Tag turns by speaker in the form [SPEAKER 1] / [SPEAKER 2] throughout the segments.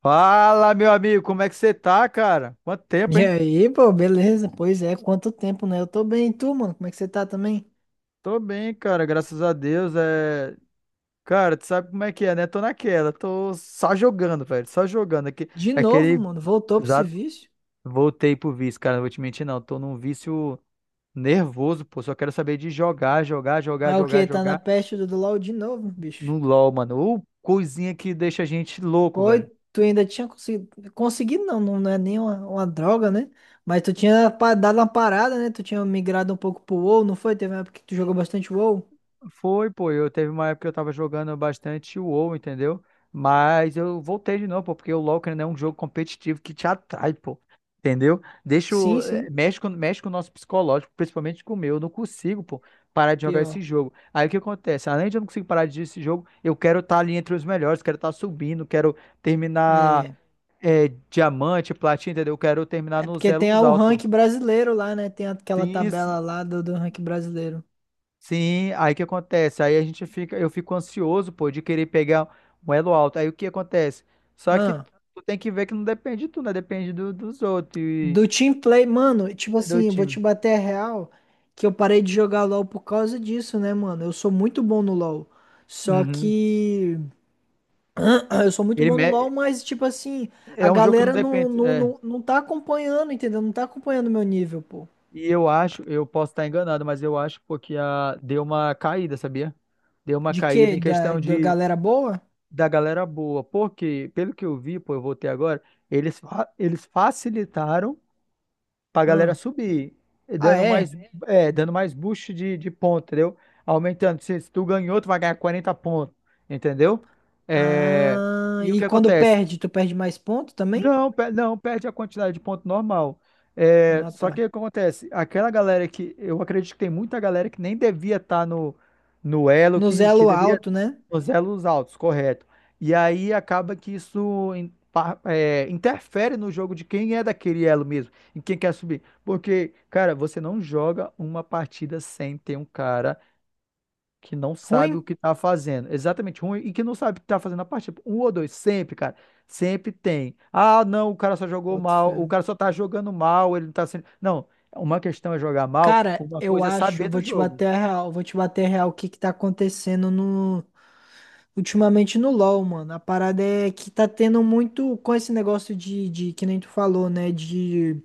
[SPEAKER 1] Fala, meu amigo, como é que você tá, cara? Quanto tempo,
[SPEAKER 2] E
[SPEAKER 1] hein?
[SPEAKER 2] aí, pô, beleza? Pois é, quanto tempo, né? Eu tô bem, e tu, mano? Como é que você tá também?
[SPEAKER 1] Tô bem, cara, graças a Deus. É. Cara, tu sabe como é que é, né? Tô naquela, tô só jogando, velho, só jogando. Aqui,
[SPEAKER 2] De novo,
[SPEAKER 1] aquele.
[SPEAKER 2] mano, voltou pro
[SPEAKER 1] Exato.
[SPEAKER 2] serviço?
[SPEAKER 1] Voltei pro vício, cara, não vou te mentir, não. Tô num vício nervoso, pô. Só quero saber de jogar, jogar, jogar,
[SPEAKER 2] Mas o
[SPEAKER 1] jogar,
[SPEAKER 2] que? Tá na
[SPEAKER 1] jogar
[SPEAKER 2] peste do LoL de novo, bicho.
[SPEAKER 1] no LoL, mano. Ou coisinha que deixa a gente louco,
[SPEAKER 2] Pô, e
[SPEAKER 1] velho.
[SPEAKER 2] tu ainda tinha conseguido. Conseguido não, não é nem uma droga, né? Mas tu tinha dado uma parada, né? Tu tinha migrado um pouco pro WoW, não foi? Teve uma época que tu jogou bastante WoW?
[SPEAKER 1] Foi, pô. Eu teve uma época que eu tava jogando bastante o WoW, entendeu? Mas eu voltei de novo, pô, porque o LoL, querendo ou não, é um jogo competitivo que te atrai, pô. Entendeu? Deixa o...
[SPEAKER 2] Sim,
[SPEAKER 1] eh,
[SPEAKER 2] sim.
[SPEAKER 1] Mexe com o nosso psicológico, principalmente com o meu. Eu não consigo, pô, parar de jogar esse
[SPEAKER 2] Pior.
[SPEAKER 1] jogo. Aí o que acontece? Além de eu não conseguir parar de jogar esse jogo, eu quero estar ali entre os melhores, quero estar subindo, quero terminar
[SPEAKER 2] É.
[SPEAKER 1] diamante, platina, entendeu? Eu quero terminar
[SPEAKER 2] É
[SPEAKER 1] nos
[SPEAKER 2] porque tem
[SPEAKER 1] elos
[SPEAKER 2] o
[SPEAKER 1] altos.
[SPEAKER 2] rank brasileiro lá, né? Tem aquela
[SPEAKER 1] Sim.
[SPEAKER 2] tabela lá do rank brasileiro.
[SPEAKER 1] Sim, aí o que acontece? Aí a gente fica, eu fico ansioso, pô, de querer pegar um elo alto. Aí o que acontece? Só que
[SPEAKER 2] Ah.
[SPEAKER 1] tu tem que ver que não depende de tu, né? Depende dos outros e
[SPEAKER 2] Do team play, mano, tipo
[SPEAKER 1] do
[SPEAKER 2] assim, vou te
[SPEAKER 1] time.
[SPEAKER 2] bater a real que eu parei de jogar LoL por causa disso, né, mano? Eu sou muito bom no LoL. Só
[SPEAKER 1] Uhum.
[SPEAKER 2] que eu sou muito
[SPEAKER 1] Ele
[SPEAKER 2] bom no LoL,
[SPEAKER 1] me-
[SPEAKER 2] mas tipo assim, a
[SPEAKER 1] É um jogo que não
[SPEAKER 2] galera não,
[SPEAKER 1] depende.
[SPEAKER 2] não,
[SPEAKER 1] É.
[SPEAKER 2] não, não tá acompanhando, entendeu? Não tá acompanhando o meu nível, pô.
[SPEAKER 1] E eu acho, eu posso estar enganado, mas eu acho, pô, que deu uma caída, sabia? Deu uma
[SPEAKER 2] De
[SPEAKER 1] caída
[SPEAKER 2] quê?
[SPEAKER 1] em
[SPEAKER 2] Da,
[SPEAKER 1] questão
[SPEAKER 2] da
[SPEAKER 1] de
[SPEAKER 2] galera boa?
[SPEAKER 1] da galera boa. Porque, pelo que eu vi, pô, eu voltei agora, eles facilitaram pra galera
[SPEAKER 2] Ah,
[SPEAKER 1] subir, e
[SPEAKER 2] ah,
[SPEAKER 1] dando mais,
[SPEAKER 2] é?
[SPEAKER 1] é, dando mais boost de ponto, entendeu? Aumentando. Se tu ganhou, tu vai ganhar 40 pontos, entendeu? É,
[SPEAKER 2] Ah,
[SPEAKER 1] e o
[SPEAKER 2] e
[SPEAKER 1] que
[SPEAKER 2] quando
[SPEAKER 1] acontece?
[SPEAKER 2] perde, tu perde mais ponto também?
[SPEAKER 1] Não, perde a quantidade de ponto normal. É,
[SPEAKER 2] Ah,
[SPEAKER 1] só
[SPEAKER 2] tá.
[SPEAKER 1] que o que acontece? Aquela galera que. Eu acredito que tem muita galera que nem devia estar no elo,
[SPEAKER 2] No
[SPEAKER 1] que
[SPEAKER 2] elo
[SPEAKER 1] deveria.
[SPEAKER 2] alto, né?
[SPEAKER 1] Nos elos altos, correto. E aí acaba que isso interfere no jogo de quem é daquele elo mesmo, em quem quer subir. Porque, cara, você não joga uma partida sem ter um cara que não
[SPEAKER 2] Ruim?
[SPEAKER 1] sabe o que tá fazendo. Exatamente, ruim e que não sabe o que tá fazendo na partida. Um ou dois, sempre, cara. Sempre tem. Ah, não, o cara só jogou
[SPEAKER 2] Boto
[SPEAKER 1] mal, o
[SPEAKER 2] fé.
[SPEAKER 1] cara só tá jogando mal, ele não tá sendo. Não, uma questão é jogar mal,
[SPEAKER 2] Cara,
[SPEAKER 1] uma
[SPEAKER 2] eu
[SPEAKER 1] coisa é
[SPEAKER 2] acho,
[SPEAKER 1] saber do
[SPEAKER 2] vou te
[SPEAKER 1] jogo.
[SPEAKER 2] bater a real, vou te bater a real o que que tá acontecendo no ultimamente no LoL, mano. A parada é que tá tendo muito com esse negócio de que nem tu falou, né, de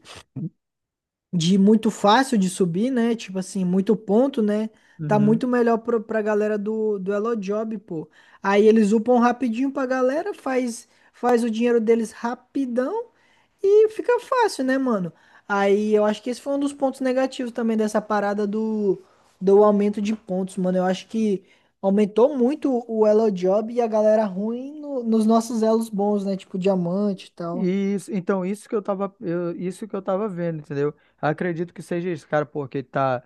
[SPEAKER 2] de muito fácil de subir, né? Tipo assim, muito ponto, né? Tá
[SPEAKER 1] Uhum.
[SPEAKER 2] muito melhor pra galera do Elo Job, pô. Aí eles upam rapidinho pra galera, faz o dinheiro deles rapidão e fica fácil, né, mano? Aí eu acho que esse foi um dos pontos negativos também dessa parada do aumento de pontos, mano. Eu acho que aumentou muito o Elo Job e a galera ruim nos nossos elos bons, né? Tipo diamante e tal.
[SPEAKER 1] E isso, então, isso que eu tava vendo, entendeu? Acredito que seja isso, cara, porque tá.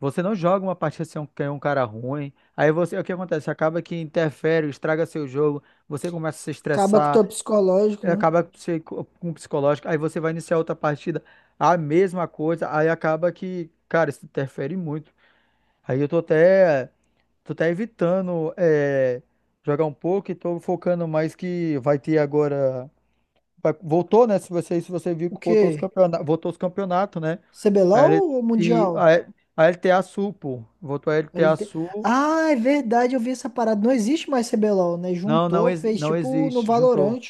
[SPEAKER 1] Você não joga uma partida sem um, que é um cara ruim. Aí você, o que acontece? Acaba que interfere, estraga seu jogo, você começa a se
[SPEAKER 2] Acaba com o teu
[SPEAKER 1] estressar.
[SPEAKER 2] psicológico, né?
[SPEAKER 1] Acaba que você com o psicológico, aí você vai iniciar outra partida, a mesma coisa, aí acaba que, cara, isso interfere muito. Aí eu tô até evitando jogar um pouco e tô focando mais que vai ter agora. Voltou, né? Se você viu
[SPEAKER 2] O
[SPEAKER 1] que
[SPEAKER 2] quê?
[SPEAKER 1] voltou os campeonatos, né? A
[SPEAKER 2] CBLOL
[SPEAKER 1] L-
[SPEAKER 2] ou
[SPEAKER 1] e
[SPEAKER 2] Mundial?
[SPEAKER 1] a, L- a LTA Sul, pô. Voltou a LTA
[SPEAKER 2] LT...
[SPEAKER 1] Sul.
[SPEAKER 2] Ah, é verdade, eu vi essa parada. Não existe mais CBLOL, né?
[SPEAKER 1] Não, não,
[SPEAKER 2] Juntou,
[SPEAKER 1] ex-
[SPEAKER 2] fez
[SPEAKER 1] não
[SPEAKER 2] tipo no
[SPEAKER 1] existe. Juntou.
[SPEAKER 2] Valorant.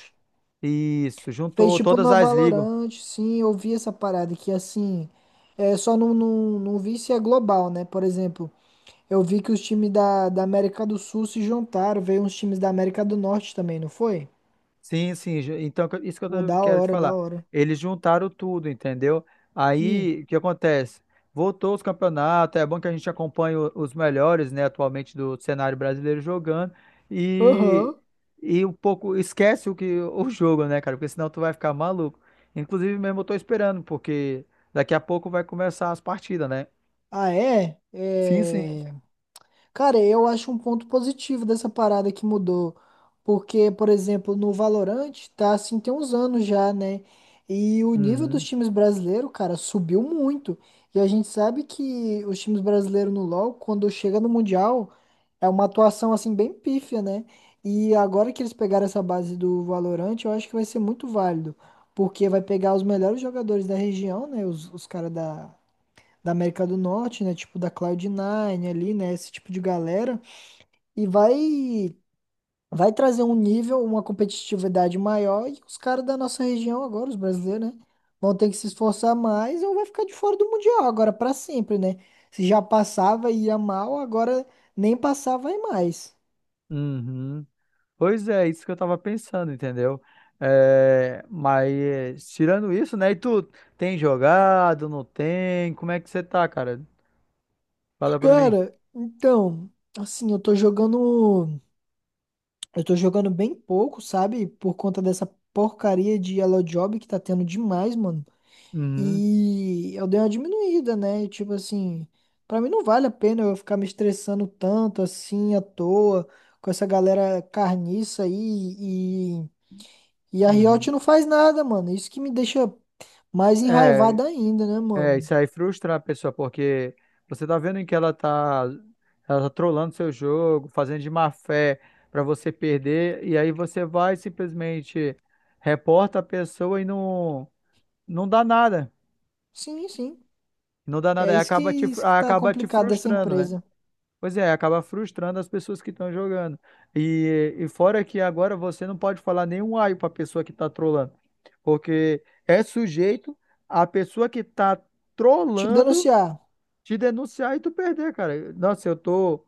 [SPEAKER 1] Isso,
[SPEAKER 2] Fez
[SPEAKER 1] juntou
[SPEAKER 2] tipo
[SPEAKER 1] todas
[SPEAKER 2] no
[SPEAKER 1] as ligas.
[SPEAKER 2] Valorant, sim, eu vi essa parada que assim, é, só não vi se é global, né? Por exemplo, eu vi que os times da América do Sul se juntaram, veio uns times da América do Norte também, não foi?
[SPEAKER 1] Sim, sim. Então,
[SPEAKER 2] Pô, da
[SPEAKER 1] quero te
[SPEAKER 2] hora, da
[SPEAKER 1] falar.
[SPEAKER 2] hora.
[SPEAKER 1] Eles juntaram tudo, entendeu?
[SPEAKER 2] Sim.
[SPEAKER 1] Aí, o que acontece? Voltou os campeonatos, é bom que a gente acompanhe os melhores, né, atualmente do cenário brasileiro jogando e,
[SPEAKER 2] Aham.
[SPEAKER 1] e um pouco esquece o que o jogo, né, cara? Porque senão tu vai ficar maluco. Inclusive, mesmo eu tô esperando, porque daqui a pouco vai começar as partidas, né?
[SPEAKER 2] Ah, é?
[SPEAKER 1] Sim, sim.
[SPEAKER 2] É. Cara, eu acho um ponto positivo dessa parada que mudou. Porque, por exemplo, no Valorant, tá assim, tem uns anos já, né? E o nível dos
[SPEAKER 1] Uhum,
[SPEAKER 2] times brasileiros, cara, subiu muito. E a gente sabe que os times brasileiros no LoL, quando chega no Mundial, é uma atuação assim bem pífia, né? E agora que eles pegaram essa base do Valorant, eu acho que vai ser muito válido. Porque vai pegar os melhores jogadores da região, né? Os caras da América do Norte, né? Tipo da Cloud9 ali, né? Esse tipo de galera. E vai trazer um nível, uma competitividade maior. E os caras da nossa região agora, os brasileiros, né? Vão ter que se esforçar mais ou vai ficar de fora do Mundial agora pra sempre, né? Se já passava e ia mal, agora nem passava e mais.
[SPEAKER 1] uhum. Pois é, isso que eu tava pensando, entendeu? É, mas tirando isso, né? E tu tem jogado, não tem? Como é que você tá, cara? Fala pra mim.
[SPEAKER 2] Cara, então, assim, eu tô jogando. Eu tô jogando bem pouco, sabe? Por conta dessa porcaria de Yellow Job que tá tendo demais, mano.
[SPEAKER 1] Uhum,
[SPEAKER 2] E eu dei uma diminuída, né? E, tipo assim, pra mim não vale a pena eu ficar me estressando tanto assim à toa com essa galera carniça aí e, e a Riot
[SPEAKER 1] uhum.
[SPEAKER 2] não faz nada, mano. Isso que me deixa mais
[SPEAKER 1] É,
[SPEAKER 2] enraivado ainda, né,
[SPEAKER 1] é,
[SPEAKER 2] mano?
[SPEAKER 1] isso aí frustra a pessoa, porque você tá vendo que ela tá trolando seu jogo, fazendo de má fé pra você perder, e aí você vai simplesmente reporta a pessoa e não dá nada.
[SPEAKER 2] Sim, sim.
[SPEAKER 1] Não dá nada,
[SPEAKER 2] É
[SPEAKER 1] aí
[SPEAKER 2] isso que,
[SPEAKER 1] acaba te,
[SPEAKER 2] isso que tá
[SPEAKER 1] acaba te
[SPEAKER 2] complicado dessa
[SPEAKER 1] frustrando, né?
[SPEAKER 2] empresa.
[SPEAKER 1] Pois é, acaba frustrando as pessoas que estão jogando. E fora que agora você não pode falar nenhum ai para a pessoa que está trolando, porque é sujeito a pessoa que está
[SPEAKER 2] Te
[SPEAKER 1] trolando
[SPEAKER 2] denunciar.
[SPEAKER 1] te denunciar e tu perder, cara. Nossa, eu tô,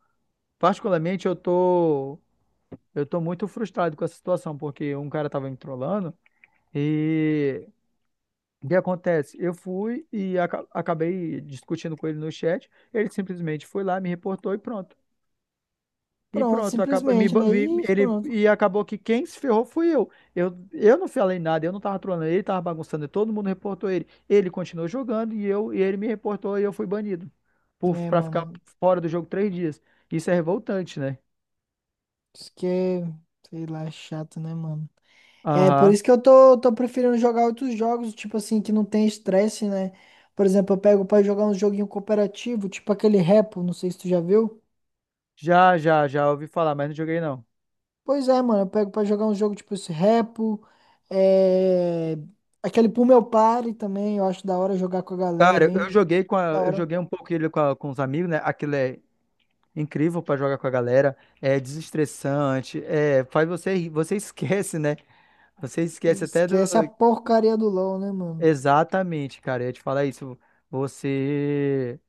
[SPEAKER 1] particularmente, eu tô muito frustrado com essa situação, porque um cara tava me trollando e o que acontece? Eu fui e acabei discutindo com ele no chat, ele simplesmente foi lá, me reportou e pronto. E
[SPEAKER 2] Pronto,
[SPEAKER 1] pronto, acaba- me
[SPEAKER 2] simplesmente,
[SPEAKER 1] ba-
[SPEAKER 2] né?
[SPEAKER 1] me-
[SPEAKER 2] E
[SPEAKER 1] ele,
[SPEAKER 2] pronto.
[SPEAKER 1] e acabou que quem se ferrou fui eu. Eu não falei nada, eu não tava trolando ele, tava bagunçando, todo mundo reportou ele. Ele continuou jogando e eu e ele me reportou e eu fui banido
[SPEAKER 2] É,
[SPEAKER 1] pra ficar
[SPEAKER 2] mano.
[SPEAKER 1] fora do jogo 3 dias. Isso é revoltante, né?
[SPEAKER 2] Isso que é, sei lá, é chato, né, mano? É por
[SPEAKER 1] Aham.
[SPEAKER 2] isso que eu tô preferindo jogar outros jogos, tipo assim, que não tem estresse, né? Por exemplo, eu pego pra jogar um joguinho cooperativo, tipo aquele Repo, não sei se tu já viu.
[SPEAKER 1] Já, já, já ouvi falar, mas não joguei não.
[SPEAKER 2] Pois é, mano, eu pego pra jogar um jogo tipo esse Repo, é... aquele Pull Meu Party também, eu acho da hora jogar com a galera,
[SPEAKER 1] Cara,
[SPEAKER 2] bem da
[SPEAKER 1] eu
[SPEAKER 2] hora.
[SPEAKER 1] joguei um pouco ele com os amigos, né? Aquilo é incrível pra jogar com a galera, é desestressante, faz você rir, você esquece, né? Você esquece até do.
[SPEAKER 2] Esquece a porcaria do LoL, né, mano?
[SPEAKER 1] Exatamente, cara. Eu ia te falar isso. Você.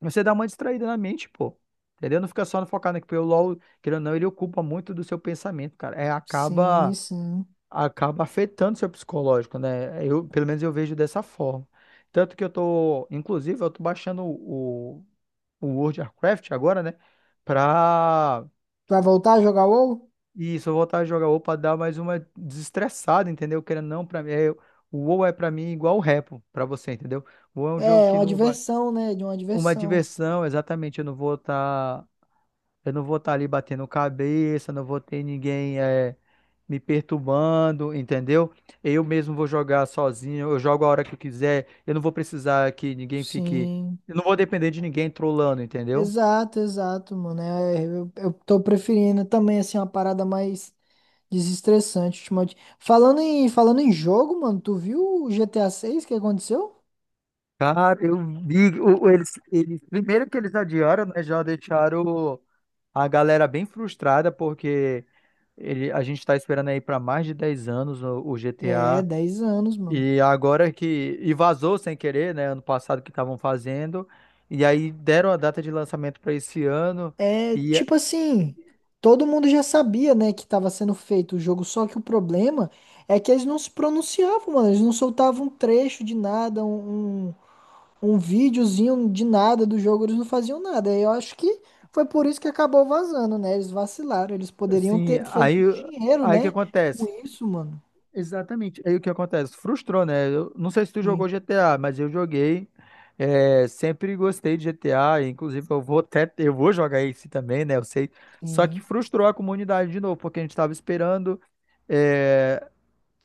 [SPEAKER 1] Você dá uma distraída na mente, pô. Entendeu? Não fica só no focado, né? Porque o LOL, querendo ou não, ele ocupa muito do seu pensamento, cara. É,
[SPEAKER 2] Sim,
[SPEAKER 1] acaba,
[SPEAKER 2] sim.
[SPEAKER 1] acaba afetando seu psicológico, né? Eu, pelo menos, eu vejo dessa forma. Tanto que eu tô. Inclusive, eu tô baixando o World of Warcraft agora, né? Pra.
[SPEAKER 2] Tu vai voltar a jogar WoW?
[SPEAKER 1] E se eu voltar a jogar WoW pra dar mais uma desestressada, entendeu? Querendo ou não, pra mim, o WoW é pra mim igual o Repo pra você, entendeu? O WoW é um jogo
[SPEAKER 2] É, é
[SPEAKER 1] que
[SPEAKER 2] uma
[SPEAKER 1] não vai.
[SPEAKER 2] diversão, né? De uma
[SPEAKER 1] Uma
[SPEAKER 2] diversão.
[SPEAKER 1] diversão, exatamente, Eu não vou estar ali batendo cabeça, não vou ter ninguém me perturbando, entendeu? Eu mesmo vou jogar sozinho, eu jogo a hora que eu quiser, eu não vou precisar que ninguém fique.
[SPEAKER 2] Sim.
[SPEAKER 1] Eu não vou depender de ninguém trolando, entendeu?
[SPEAKER 2] Exato, exato, mano. É, eu tô preferindo também, assim, uma parada mais desestressante ultimamente. Falando em jogo, mano, tu viu o GTA 6 que aconteceu?
[SPEAKER 1] Cara, eu vi. Primeiro que eles adiaram, né? Já deixaram a galera bem frustrada, porque a gente tá esperando aí para mais de 10 anos o,
[SPEAKER 2] É,
[SPEAKER 1] GTA.
[SPEAKER 2] 10 anos, mano.
[SPEAKER 1] E agora que. E vazou sem querer, né? Ano passado que estavam fazendo. E aí deram a data de lançamento para esse ano.
[SPEAKER 2] É,
[SPEAKER 1] E
[SPEAKER 2] tipo assim, todo mundo já sabia, né, que tava sendo feito o jogo, só que o problema é que eles não se pronunciavam, mano. Eles não soltavam um trecho de nada, um videozinho de nada do jogo, eles não faziam nada. Eu acho que foi por isso que acabou vazando, né? Eles vacilaram, eles poderiam
[SPEAKER 1] assim,
[SPEAKER 2] ter
[SPEAKER 1] aí,
[SPEAKER 2] feito dinheiro,
[SPEAKER 1] aí o que
[SPEAKER 2] né? Com
[SPEAKER 1] acontece?
[SPEAKER 2] isso, mano.
[SPEAKER 1] Exatamente. Aí o que acontece? Frustrou, né? Eu não sei se tu
[SPEAKER 2] Sim,
[SPEAKER 1] jogou GTA, mas eu joguei. É, sempre gostei de GTA, inclusive eu vou jogar esse também, né? Eu sei. Só que
[SPEAKER 2] sim,
[SPEAKER 1] frustrou a comunidade de novo, porque a gente estava esperando. eh,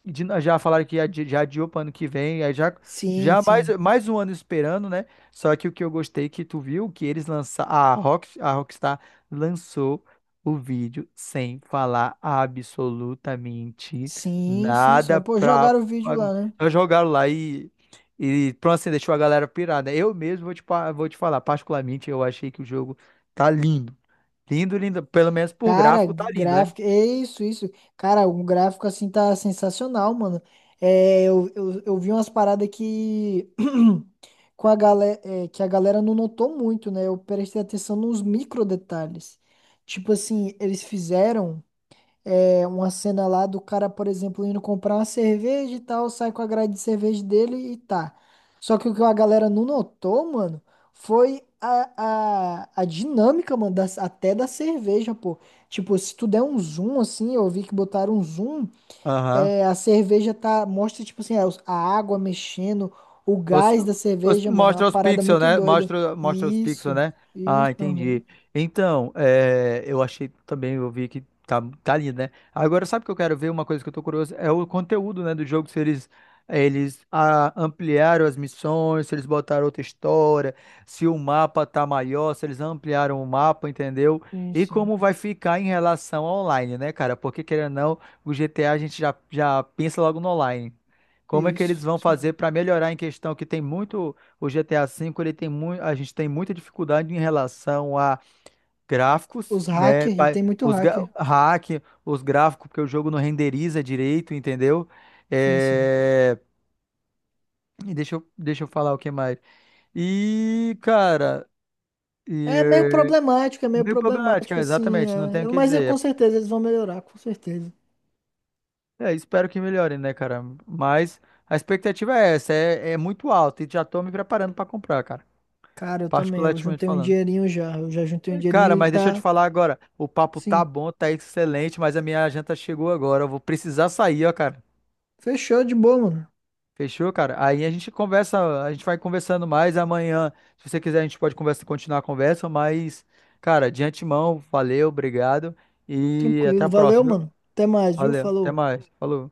[SPEAKER 1] já falaram que já adiou para ano que vem, aí já,
[SPEAKER 2] sim,
[SPEAKER 1] já mais,
[SPEAKER 2] sim,
[SPEAKER 1] mais um ano esperando, né? Só que o que eu gostei, que tu viu, que eles lançaram, a Rockstar lançou o vídeo sem falar absolutamente
[SPEAKER 2] sim, sim. Só
[SPEAKER 1] nada
[SPEAKER 2] pô,
[SPEAKER 1] pra.
[SPEAKER 2] jogaram o vídeo lá, né?
[SPEAKER 1] Só jogaram lá e pronto, assim, deixou a galera pirada. Eu mesmo vou te falar, particularmente eu achei que o jogo tá lindo. Lindo, lindo. Pelo menos por
[SPEAKER 2] Cara,
[SPEAKER 1] gráfico tá lindo, né?
[SPEAKER 2] gráfico, é isso, isso. Cara, um gráfico assim tá sensacional, mano. É, eu vi umas paradas que com a galera, que a galera não notou muito, né? Eu prestei atenção nos micro detalhes. Tipo assim, eles fizeram. É uma cena lá do cara, por exemplo, indo comprar uma cerveja e tal, sai com a grade de cerveja dele e tá. Só que o que a galera não notou, mano, foi a dinâmica, mano, até da cerveja, pô. Tipo, se tu der um zoom, assim, eu vi que botaram um zoom,
[SPEAKER 1] Aham.
[SPEAKER 2] é, a cerveja tá, mostra, tipo assim, a água mexendo, o
[SPEAKER 1] Os-
[SPEAKER 2] gás da
[SPEAKER 1] os-
[SPEAKER 2] cerveja, mano, é uma
[SPEAKER 1] mostra os
[SPEAKER 2] parada
[SPEAKER 1] pixels,
[SPEAKER 2] muito
[SPEAKER 1] né?
[SPEAKER 2] doida.
[SPEAKER 1] Mostra os pixels,
[SPEAKER 2] Isso,
[SPEAKER 1] né? Ah,
[SPEAKER 2] isso, uhum.
[SPEAKER 1] entendi. Então, eu achei também, eu vi que tá lindo, né? Agora, sabe o que eu quero ver? Uma coisa que eu tô curioso é o conteúdo, né, do jogo, se eles ampliaram as missões, se eles botaram outra história, se o mapa tá maior, se eles ampliaram o mapa, entendeu?
[SPEAKER 2] Sim,
[SPEAKER 1] E
[SPEAKER 2] sim,
[SPEAKER 1] como vai ficar em relação ao online, né, cara? Porque, querendo ou não, o GTA a gente já pensa logo no online. Como é que eles
[SPEAKER 2] isso,
[SPEAKER 1] vão
[SPEAKER 2] isso
[SPEAKER 1] fazer
[SPEAKER 2] mesmo.
[SPEAKER 1] para melhorar em questão que tem muito o GTA V, ele tem muito, a gente tem muita dificuldade em relação a gráficos,
[SPEAKER 2] Os
[SPEAKER 1] né?
[SPEAKER 2] hackers, e
[SPEAKER 1] Pa-
[SPEAKER 2] tem muito
[SPEAKER 1] Os gra-
[SPEAKER 2] hacker.
[SPEAKER 1] hack, os gráficos porque o jogo não renderiza direito, entendeu?
[SPEAKER 2] Sim, sim.
[SPEAKER 1] É, e deixa eu falar o que mais. E, cara, e,
[SPEAKER 2] É meio
[SPEAKER 1] meio problemática,
[SPEAKER 2] problemático, assim.
[SPEAKER 1] exatamente, não
[SPEAKER 2] É.
[SPEAKER 1] tenho o que
[SPEAKER 2] Mas é, com
[SPEAKER 1] dizer.
[SPEAKER 2] certeza eles vão melhorar, com certeza.
[SPEAKER 1] É, espero que melhore, né, cara? Mas a expectativa é essa, é muito alta e já tô me preparando para comprar, cara,
[SPEAKER 2] Cara, eu também. Eu
[SPEAKER 1] particularmente
[SPEAKER 2] juntei um
[SPEAKER 1] falando.
[SPEAKER 2] dinheirinho já. Eu já juntei um
[SPEAKER 1] Cara,
[SPEAKER 2] dinheirinho e
[SPEAKER 1] mas deixa eu te
[SPEAKER 2] tá.
[SPEAKER 1] falar agora. O papo tá
[SPEAKER 2] Sim.
[SPEAKER 1] bom, tá excelente, mas a minha janta chegou agora. Eu vou precisar sair, ó, cara.
[SPEAKER 2] Fechou de boa, mano.
[SPEAKER 1] Fechou, cara? Aí a gente conversa, a gente vai conversando mais amanhã. Se você quiser, a gente pode continuar a conversa, mas, cara, de antemão, valeu, obrigado e até a
[SPEAKER 2] Tranquilo. Valeu,
[SPEAKER 1] próxima, viu?
[SPEAKER 2] mano. Até mais, viu?
[SPEAKER 1] Valeu, até
[SPEAKER 2] Falou.
[SPEAKER 1] mais. Falou.